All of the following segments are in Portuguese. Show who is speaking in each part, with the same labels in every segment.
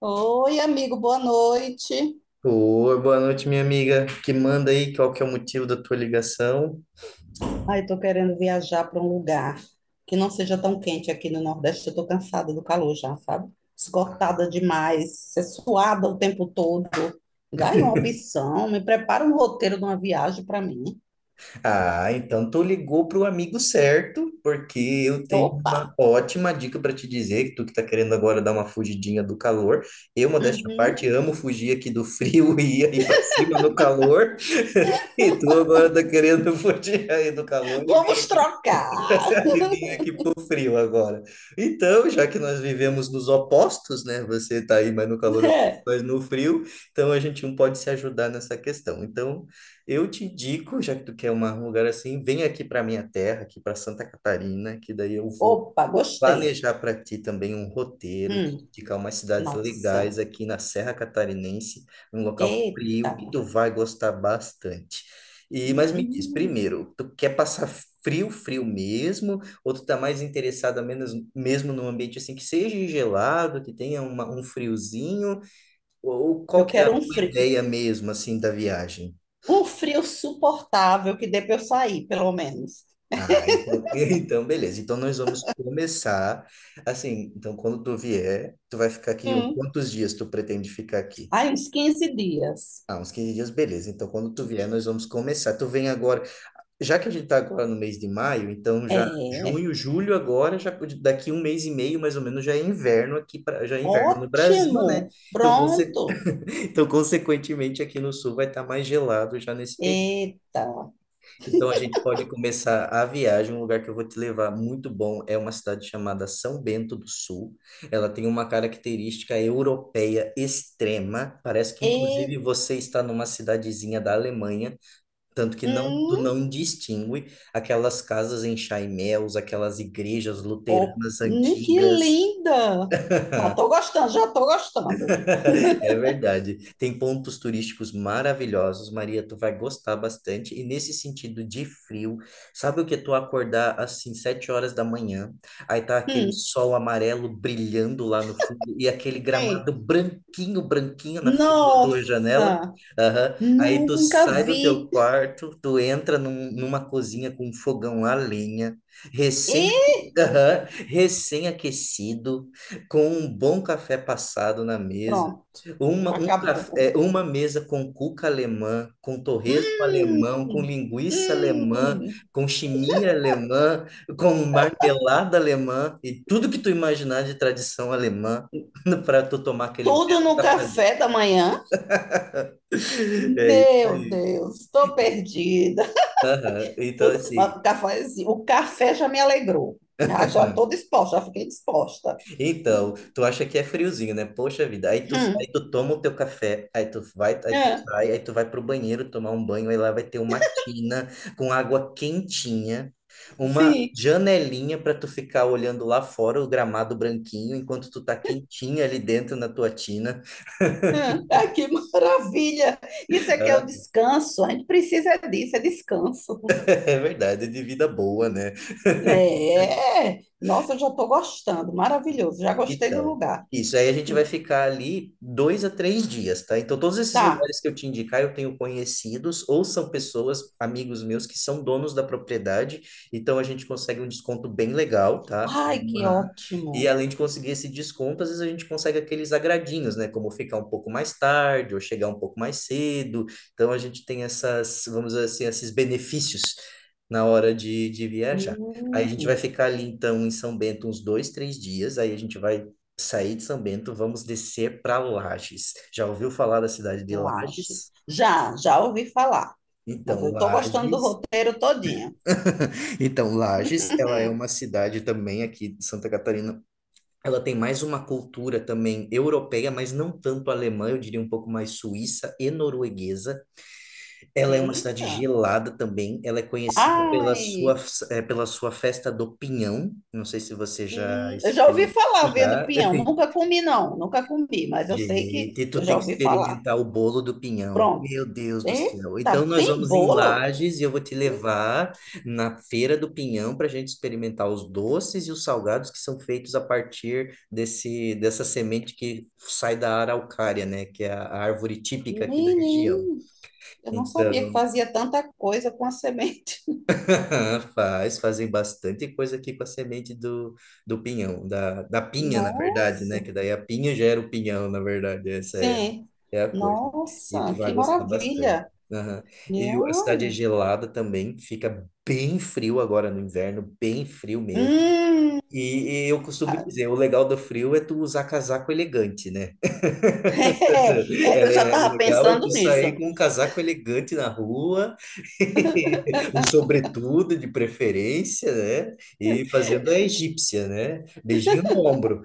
Speaker 1: Oi, amigo, boa noite.
Speaker 2: Oi, boa noite, minha amiga. Que manda aí qual que é o motivo da tua ligação?
Speaker 1: Ai, eu tô querendo viajar para um lugar que não seja tão quente aqui no Nordeste. Eu tô cansada do calor já, sabe? Esgotada demais, ser suada o tempo todo. Me dá aí uma opção, me prepara um roteiro de uma viagem para mim.
Speaker 2: Ah, então tu ligou pro amigo certo, porque eu tenho
Speaker 1: Opa!
Speaker 2: uma ótima dica para te dizer, que tu que tá querendo agora dar uma fugidinha do calor. Eu, modéstia à
Speaker 1: Uhum.
Speaker 2: parte, amo fugir aqui do frio e ir para cima no calor, e tu agora tá querendo fugir aí do calor.
Speaker 1: Vamos trocar!
Speaker 2: Muito frio agora. Então, já que nós vivemos dos opostos, né? Você está aí mais no calor,
Speaker 1: É.
Speaker 2: mas no frio, então a gente um pode se ajudar nessa questão. Então, eu te indico, já que tu quer um lugar assim, vem aqui para minha terra, aqui para Santa Catarina, que daí eu vou
Speaker 1: Opa, gostei.
Speaker 2: planejar para ti também um roteiro,
Speaker 1: Hum,
Speaker 2: indicar umas cidades
Speaker 1: nossa,
Speaker 2: legais aqui na Serra Catarinense, um local
Speaker 1: eita!
Speaker 2: frio que tu vai gostar bastante. E, mas me diz,
Speaker 1: Hum,
Speaker 2: primeiro, tu quer passar frio, frio mesmo, ou tu tá mais interessado menos, mesmo num ambiente assim que seja gelado, que tenha um friozinho, ou qual
Speaker 1: eu
Speaker 2: que é a
Speaker 1: quero
Speaker 2: tua ideia mesmo assim da viagem?
Speaker 1: um frio suportável que dê para eu sair, pelo menos.
Speaker 2: Ah, então, então beleza. Então nós vamos começar assim. Então quando tu vier, tu vai ficar aqui.
Speaker 1: Hum.
Speaker 2: Quantos dias tu pretende ficar aqui?
Speaker 1: Aí, uns 15 dias.
Speaker 2: Ah, uns 15 dias, beleza. Então quando tu vier, nós vamos começar. Tu vem agora, já que a gente tá agora no mês de maio, então já
Speaker 1: É,
Speaker 2: junho, julho agora, já daqui um mês e meio mais ou menos já é inverno já é inverno no Brasil, né?
Speaker 1: ótimo.
Speaker 2: Então,
Speaker 1: Pronto.
Speaker 2: então consequentemente aqui no sul vai estar mais gelado já nesse período.
Speaker 1: Eita.
Speaker 2: Então a gente pode começar a viagem. Um lugar que eu vou te levar muito bom é uma cidade chamada São Bento do Sul. Ela tem uma característica europeia extrema. Parece que inclusive
Speaker 1: E,
Speaker 2: você está numa cidadezinha da Alemanha, tanto que não tu
Speaker 1: hum,
Speaker 2: não distingue aquelas casas em chaimel, aquelas igrejas
Speaker 1: oh,
Speaker 2: luteranas
Speaker 1: que
Speaker 2: antigas.
Speaker 1: linda. Já tô gostando, já tô gostando.
Speaker 2: É verdade. Tem pontos turísticos maravilhosos, Maria, tu vai gostar bastante. E nesse sentido de frio, sabe o que é tu acordar assim, 7 horas da manhã, aí tá aquele
Speaker 1: Hum,
Speaker 2: sol amarelo brilhando lá no fundo e aquele
Speaker 1: é.
Speaker 2: gramado branquinho, branquinho na frente da tua janela?
Speaker 1: Nossa,
Speaker 2: Aham. Aí tu
Speaker 1: nunca
Speaker 2: sai do teu
Speaker 1: vi.
Speaker 2: quarto, tu entra numa cozinha com um fogão a lenha, recém,
Speaker 1: E
Speaker 2: aham, recém-aquecido, com um bom café passado na mesa,
Speaker 1: pronto.
Speaker 2: um
Speaker 1: Acabou.
Speaker 2: café, é, uma mesa com cuca alemã, com torresmo alemão, com
Speaker 1: Hum,
Speaker 2: linguiça alemã,
Speaker 1: hum.
Speaker 2: com chimia alemã, com marmelada alemã e tudo que tu imaginar de tradição alemã para tu tomar aquele
Speaker 1: Tudo
Speaker 2: belo
Speaker 1: no
Speaker 2: café.
Speaker 1: café da manhã?
Speaker 2: É isso
Speaker 1: Meu
Speaker 2: aí.
Speaker 1: Deus, estou perdida.
Speaker 2: Aham. Então,
Speaker 1: Tudo,
Speaker 2: assim.
Speaker 1: mas o café, assim, o café já me alegrou. Ah, já estou disposta, já fiquei disposta.
Speaker 2: Então, tu acha que é friozinho, né? Poxa vida. Aí tu sai,
Speaker 1: Hum,
Speaker 2: tu toma o teu café, aí tu vai, aí tu
Speaker 1: é,
Speaker 2: sai, aí tu vai pro banheiro tomar um banho, aí lá vai ter uma tina com água quentinha, uma
Speaker 1: sim.
Speaker 2: janelinha para tu ficar olhando lá fora o gramado branquinho enquanto tu tá quentinha ali dentro na tua tina.
Speaker 1: É, ah, que maravilha! Isso é que é o descanso. A gente precisa disso, é descanso.
Speaker 2: É verdade, de vida boa, né?
Speaker 1: É, é. Nossa, eu já estou gostando. Maravilhoso, já gostei do
Speaker 2: Então,
Speaker 1: lugar.
Speaker 2: isso aí a gente vai
Speaker 1: Hum,
Speaker 2: ficar ali 2 a 3 dias, tá? Então, todos esses
Speaker 1: Tá.
Speaker 2: lugares que eu te indicar, eu tenho conhecidos ou são pessoas, amigos meus, que são donos da propriedade. Então, a gente consegue um desconto bem legal, tá?
Speaker 1: Ai, que
Speaker 2: Aham. E
Speaker 1: ótimo.
Speaker 2: além de conseguir esse desconto, às vezes a gente consegue aqueles agradinhos, né? Como ficar um pouco mais tarde ou chegar um pouco mais cedo. Então, a gente tem essas, vamos dizer assim, esses benefícios na hora de viajar. Aí a gente vai
Speaker 1: Hum,
Speaker 2: ficar ali, então, em São Bento uns 2, 3 dias. Aí a gente vai sair de São Bento, vamos descer para Lages. Já ouviu falar da cidade de
Speaker 1: Lages.
Speaker 2: Lages?
Speaker 1: Já, já ouvi falar, mas
Speaker 2: Então,
Speaker 1: eu estou gostando do
Speaker 2: Lages.
Speaker 1: roteiro todinho.
Speaker 2: Então, Lages, ela é
Speaker 1: Hum,
Speaker 2: uma cidade também aqui de Santa Catarina. Ela tem mais uma cultura também europeia, mas não tanto alemã, eu diria um pouco mais suíça e norueguesa. Ela é uma cidade
Speaker 1: Eita.
Speaker 2: gelada também. Ela é conhecida pela sua,
Speaker 1: Ai,
Speaker 2: pela sua festa do Pinhão. Não sei se você já
Speaker 1: Eu já ouvi
Speaker 2: experimentou.
Speaker 1: falar vendo
Speaker 2: Já.
Speaker 1: pinhão. Nunca comi, não. Nunca comi, mas eu sei que
Speaker 2: Gente, tu
Speaker 1: eu
Speaker 2: tem
Speaker 1: já
Speaker 2: que
Speaker 1: ouvi falar.
Speaker 2: experimentar o bolo do pinhão.
Speaker 1: Pronto.
Speaker 2: Meu Deus do céu. Então
Speaker 1: Eita,
Speaker 2: nós
Speaker 1: tem
Speaker 2: vamos em
Speaker 1: bolo?
Speaker 2: Lages e eu vou te levar na Feira do Pinhão para a gente experimentar os doces e os salgados que são feitos a partir desse dessa semente que sai da araucária, né, que é a árvore típica aqui da região.
Speaker 1: Menino, eu não sabia que
Speaker 2: Então,
Speaker 1: fazia tanta coisa com a semente.
Speaker 2: Fazem bastante coisa aqui com a semente do pinhão, da pinha, na verdade, né?
Speaker 1: Nossa,
Speaker 2: Que daí a pinha gera o pinhão, na verdade, essa
Speaker 1: sim.
Speaker 2: é a coisa. E tu
Speaker 1: Nossa,
Speaker 2: vai
Speaker 1: que
Speaker 2: gostar bastante.
Speaker 1: maravilha.
Speaker 2: Aham.
Speaker 1: Minha
Speaker 2: A cidade é
Speaker 1: olha.
Speaker 2: gelada também, fica bem frio agora no inverno, bem frio mesmo.
Speaker 1: Hum,
Speaker 2: E eu costumo
Speaker 1: Ah,
Speaker 2: dizer, o legal do frio é tu usar casaco elegante, né?
Speaker 1: é, é, eu já
Speaker 2: O
Speaker 1: estava
Speaker 2: legal é tu
Speaker 1: pensando
Speaker 2: sair
Speaker 1: nisso.
Speaker 2: com um casaco elegante na rua, um sobretudo de preferência, né? E fazendo a egípcia, né? Beijinho no ombro.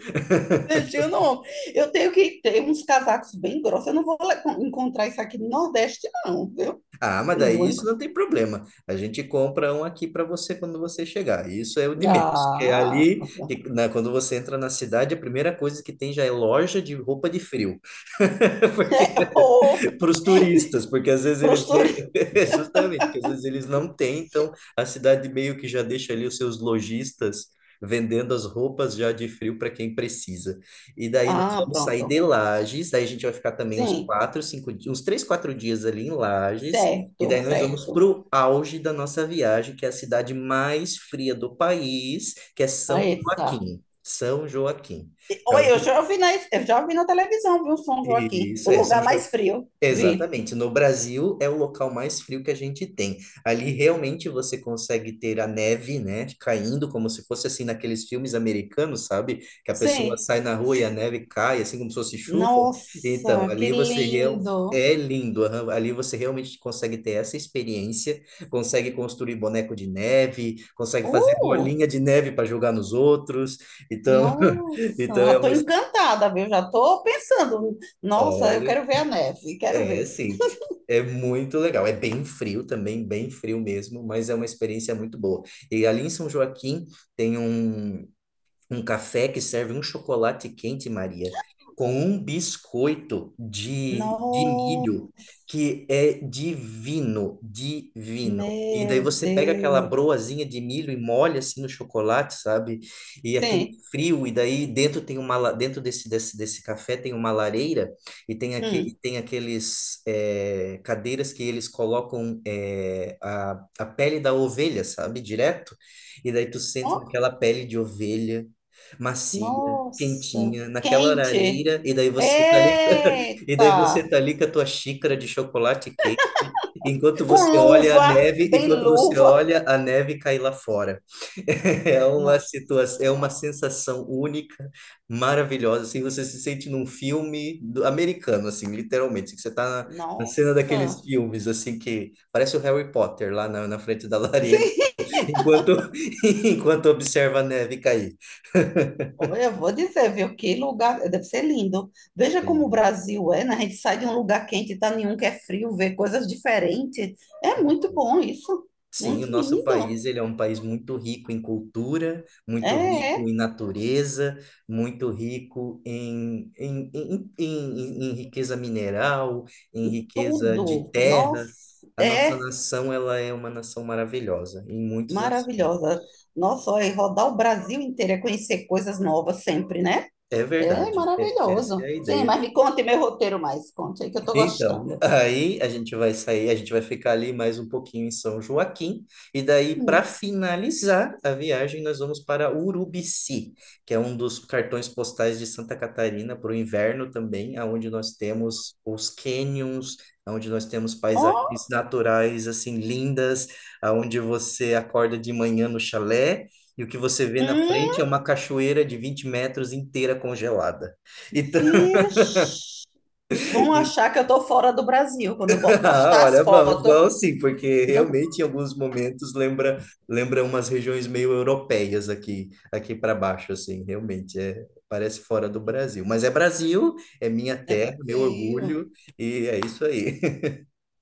Speaker 1: Deixa eu não. Eu tenho que ter uns casacos bem grossos. Eu não vou encontrar isso aqui no Nordeste, não, viu?
Speaker 2: Ah, mas daí
Speaker 1: Vou.
Speaker 2: isso não tem problema. A gente compra um aqui para você quando você chegar. Isso é o de menos. Porque
Speaker 1: Ah,
Speaker 2: ali, quando você entra na cidade, a primeira coisa que tem já é loja de roupa de frio. Porque
Speaker 1: ô,
Speaker 2: para os turistas, porque às vezes eles
Speaker 1: postura.
Speaker 2: justamente, porque às vezes eles não têm, então a cidade meio que já deixa ali os seus lojistas vendendo as roupas já de frio para quem precisa. E daí nós
Speaker 1: Ah,
Speaker 2: vamos sair de
Speaker 1: pronto.
Speaker 2: Lages, daí a gente vai ficar também uns
Speaker 1: Sim,
Speaker 2: quatro, cinco, uns 3, 4 dias ali em Lages. E
Speaker 1: certo,
Speaker 2: daí nós vamos para
Speaker 1: certo.
Speaker 2: o auge da nossa viagem, que é a cidade mais fria do país, que é São
Speaker 1: Aí tá.
Speaker 2: Joaquim. São Joaquim. Já
Speaker 1: Oi,
Speaker 2: ouviu
Speaker 1: eu já vi na televisão, viu, São Joaquim?
Speaker 2: isso,
Speaker 1: O
Speaker 2: é, São
Speaker 1: lugar
Speaker 2: Joaquim.
Speaker 1: mais frio, vi.
Speaker 2: Exatamente. No Brasil é o local mais frio que a gente tem. Ali realmente você consegue ter a neve, né, caindo como se fosse assim naqueles filmes americanos, sabe? Que a pessoa
Speaker 1: Sim.
Speaker 2: sai na rua e a neve cai, assim como se fosse chuva. Então,
Speaker 1: Nossa, que
Speaker 2: ali você
Speaker 1: lindo.
Speaker 2: é lindo. Aham. Ali você realmente consegue ter essa experiência, consegue construir boneco de neve, consegue fazer
Speaker 1: Uh,
Speaker 2: bolinha de neve para jogar nos outros. Então,
Speaker 1: nossa,
Speaker 2: então
Speaker 1: já
Speaker 2: é
Speaker 1: tô
Speaker 2: uma...
Speaker 1: encantada, viu? Já tô pensando. Nossa, eu
Speaker 2: Olha,
Speaker 1: quero ver a neve, quero
Speaker 2: é,
Speaker 1: ver.
Speaker 2: sim. É muito legal. É bem frio também, bem frio mesmo, mas é uma experiência muito boa. E ali em São Joaquim tem um café que serve um chocolate quente, Maria, com um biscoito de
Speaker 1: No,
Speaker 2: milho que é divino, divino. E daí
Speaker 1: meu
Speaker 2: você pega aquela
Speaker 1: Deus.
Speaker 2: broazinha de milho e molha assim no chocolate, sabe? E aquele
Speaker 1: Sim.
Speaker 2: frio, e daí dentro tem uma dentro desse café tem uma lareira e
Speaker 1: Hum.
Speaker 2: tem aqueles cadeiras que eles colocam a pele da ovelha, sabe? Direto. E daí tu senta naquela pele de ovelha macia,
Speaker 1: Nossa,
Speaker 2: quentinha, naquela
Speaker 1: quente.
Speaker 2: areira, e daí você tá ali, e daí você
Speaker 1: Eita!
Speaker 2: tá ali com a tua xícara de chocolate quente, enquanto
Speaker 1: Com
Speaker 2: você olha a
Speaker 1: luva,
Speaker 2: neve,
Speaker 1: bem
Speaker 2: enquanto você
Speaker 1: luva.
Speaker 2: olha a neve cair lá fora. É uma situação,
Speaker 1: Nossa,
Speaker 2: é uma
Speaker 1: nossa,
Speaker 2: sensação única, maravilhosa, assim, você se sente num filme americano, assim, literalmente, assim, que você tá na cena daqueles
Speaker 1: nossa.
Speaker 2: filmes, assim, que parece o Harry Potter lá na frente da lareira,
Speaker 1: Sim,
Speaker 2: enquanto, enquanto observa a neve cair.
Speaker 1: olha, eu vou dizer, viu, que lugar, deve ser lindo. Veja como o Brasil é, né? A gente sai de um lugar quente e tá em um que é frio, vê coisas diferentes. É muito bom isso.
Speaker 2: Sim, o
Speaker 1: Muito
Speaker 2: nosso
Speaker 1: lindo.
Speaker 2: país, ele é um país muito rico em cultura, muito
Speaker 1: É,
Speaker 2: rico
Speaker 1: é
Speaker 2: em natureza, muito rico em riqueza mineral, em riqueza de
Speaker 1: tudo.
Speaker 2: terra.
Speaker 1: Nossa,
Speaker 2: A nossa
Speaker 1: é
Speaker 2: nação, ela é uma nação maravilhosa em muitos aspectos.
Speaker 1: maravilhosa. Nossa, olha, e rodar o Brasil inteiro é conhecer coisas novas sempre, né?
Speaker 2: É
Speaker 1: É
Speaker 2: verdade, essa é
Speaker 1: maravilhoso.
Speaker 2: a
Speaker 1: Sim,
Speaker 2: ideia.
Speaker 1: mas me conte meu roteiro mais. Conte aí que eu tô
Speaker 2: Então,
Speaker 1: gostando.
Speaker 2: aí a gente vai sair, a gente vai ficar ali mais um pouquinho em São Joaquim, e daí, para
Speaker 1: Hum.
Speaker 2: finalizar a viagem, nós vamos para Urubici, que é um dos cartões postais de Santa Catarina para o inverno também, aonde nós temos os cânions, onde nós temos
Speaker 1: Ó,
Speaker 2: paisagens naturais assim lindas, aonde você acorda de manhã no chalé. E o que você vê na frente é
Speaker 1: hum,
Speaker 2: uma cachoeira de 20 metros inteira congelada. Então,
Speaker 1: vixe. Vão achar que eu tô fora do Brasil quando eu
Speaker 2: Ah,
Speaker 1: postar as
Speaker 2: olha, vamos,
Speaker 1: fotos.
Speaker 2: vamos sim, porque
Speaker 1: Não,
Speaker 2: realmente em alguns momentos lembra umas regiões meio europeias aqui para baixo, assim, realmente é parece fora do Brasil, mas é Brasil, é minha
Speaker 1: é
Speaker 2: terra, meu
Speaker 1: Brasil.
Speaker 2: orgulho e é isso aí.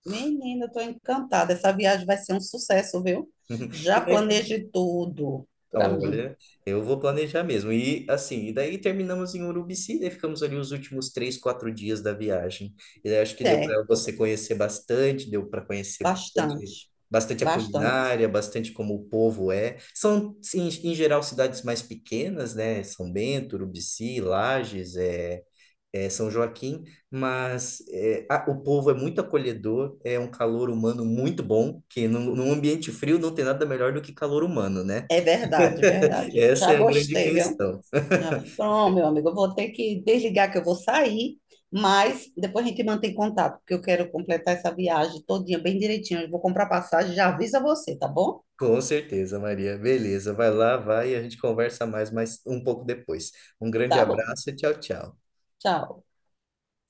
Speaker 1: Menina, eu tô encantada. Essa viagem vai ser um sucesso, viu? Já
Speaker 2: E daí,
Speaker 1: planejei tudo para mim.
Speaker 2: olha, eu vou planejar mesmo. E assim, e daí terminamos em Urubici, daí ficamos ali os últimos 3, 4 dias da viagem. E daí acho que deu para
Speaker 1: Certo.
Speaker 2: você conhecer bastante, deu para conhecer
Speaker 1: Bastante.
Speaker 2: bastante, bastante a
Speaker 1: Bastante.
Speaker 2: culinária, bastante como o povo é. São, sim, em geral, cidades mais pequenas, né? São Bento, Urubici, Lages, é São Joaquim, mas é, o povo é muito acolhedor, é um calor humano muito bom, que num ambiente frio não tem nada melhor do que calor humano, né?
Speaker 1: É verdade, é verdade.
Speaker 2: Essa
Speaker 1: Já
Speaker 2: é a grande
Speaker 1: gostei, viu?
Speaker 2: questão.
Speaker 1: Ah, pronto, meu amigo, eu vou ter que desligar que eu vou sair, mas depois a gente mantém contato, porque eu quero completar essa viagem todinha bem direitinho. Eu vou comprar passagem, já aviso a você, tá bom?
Speaker 2: Com certeza, Maria. Beleza, vai lá, vai e a gente conversa mais, um pouco depois. Um grande
Speaker 1: Tá bom.
Speaker 2: abraço e tchau, tchau.
Speaker 1: Tchau.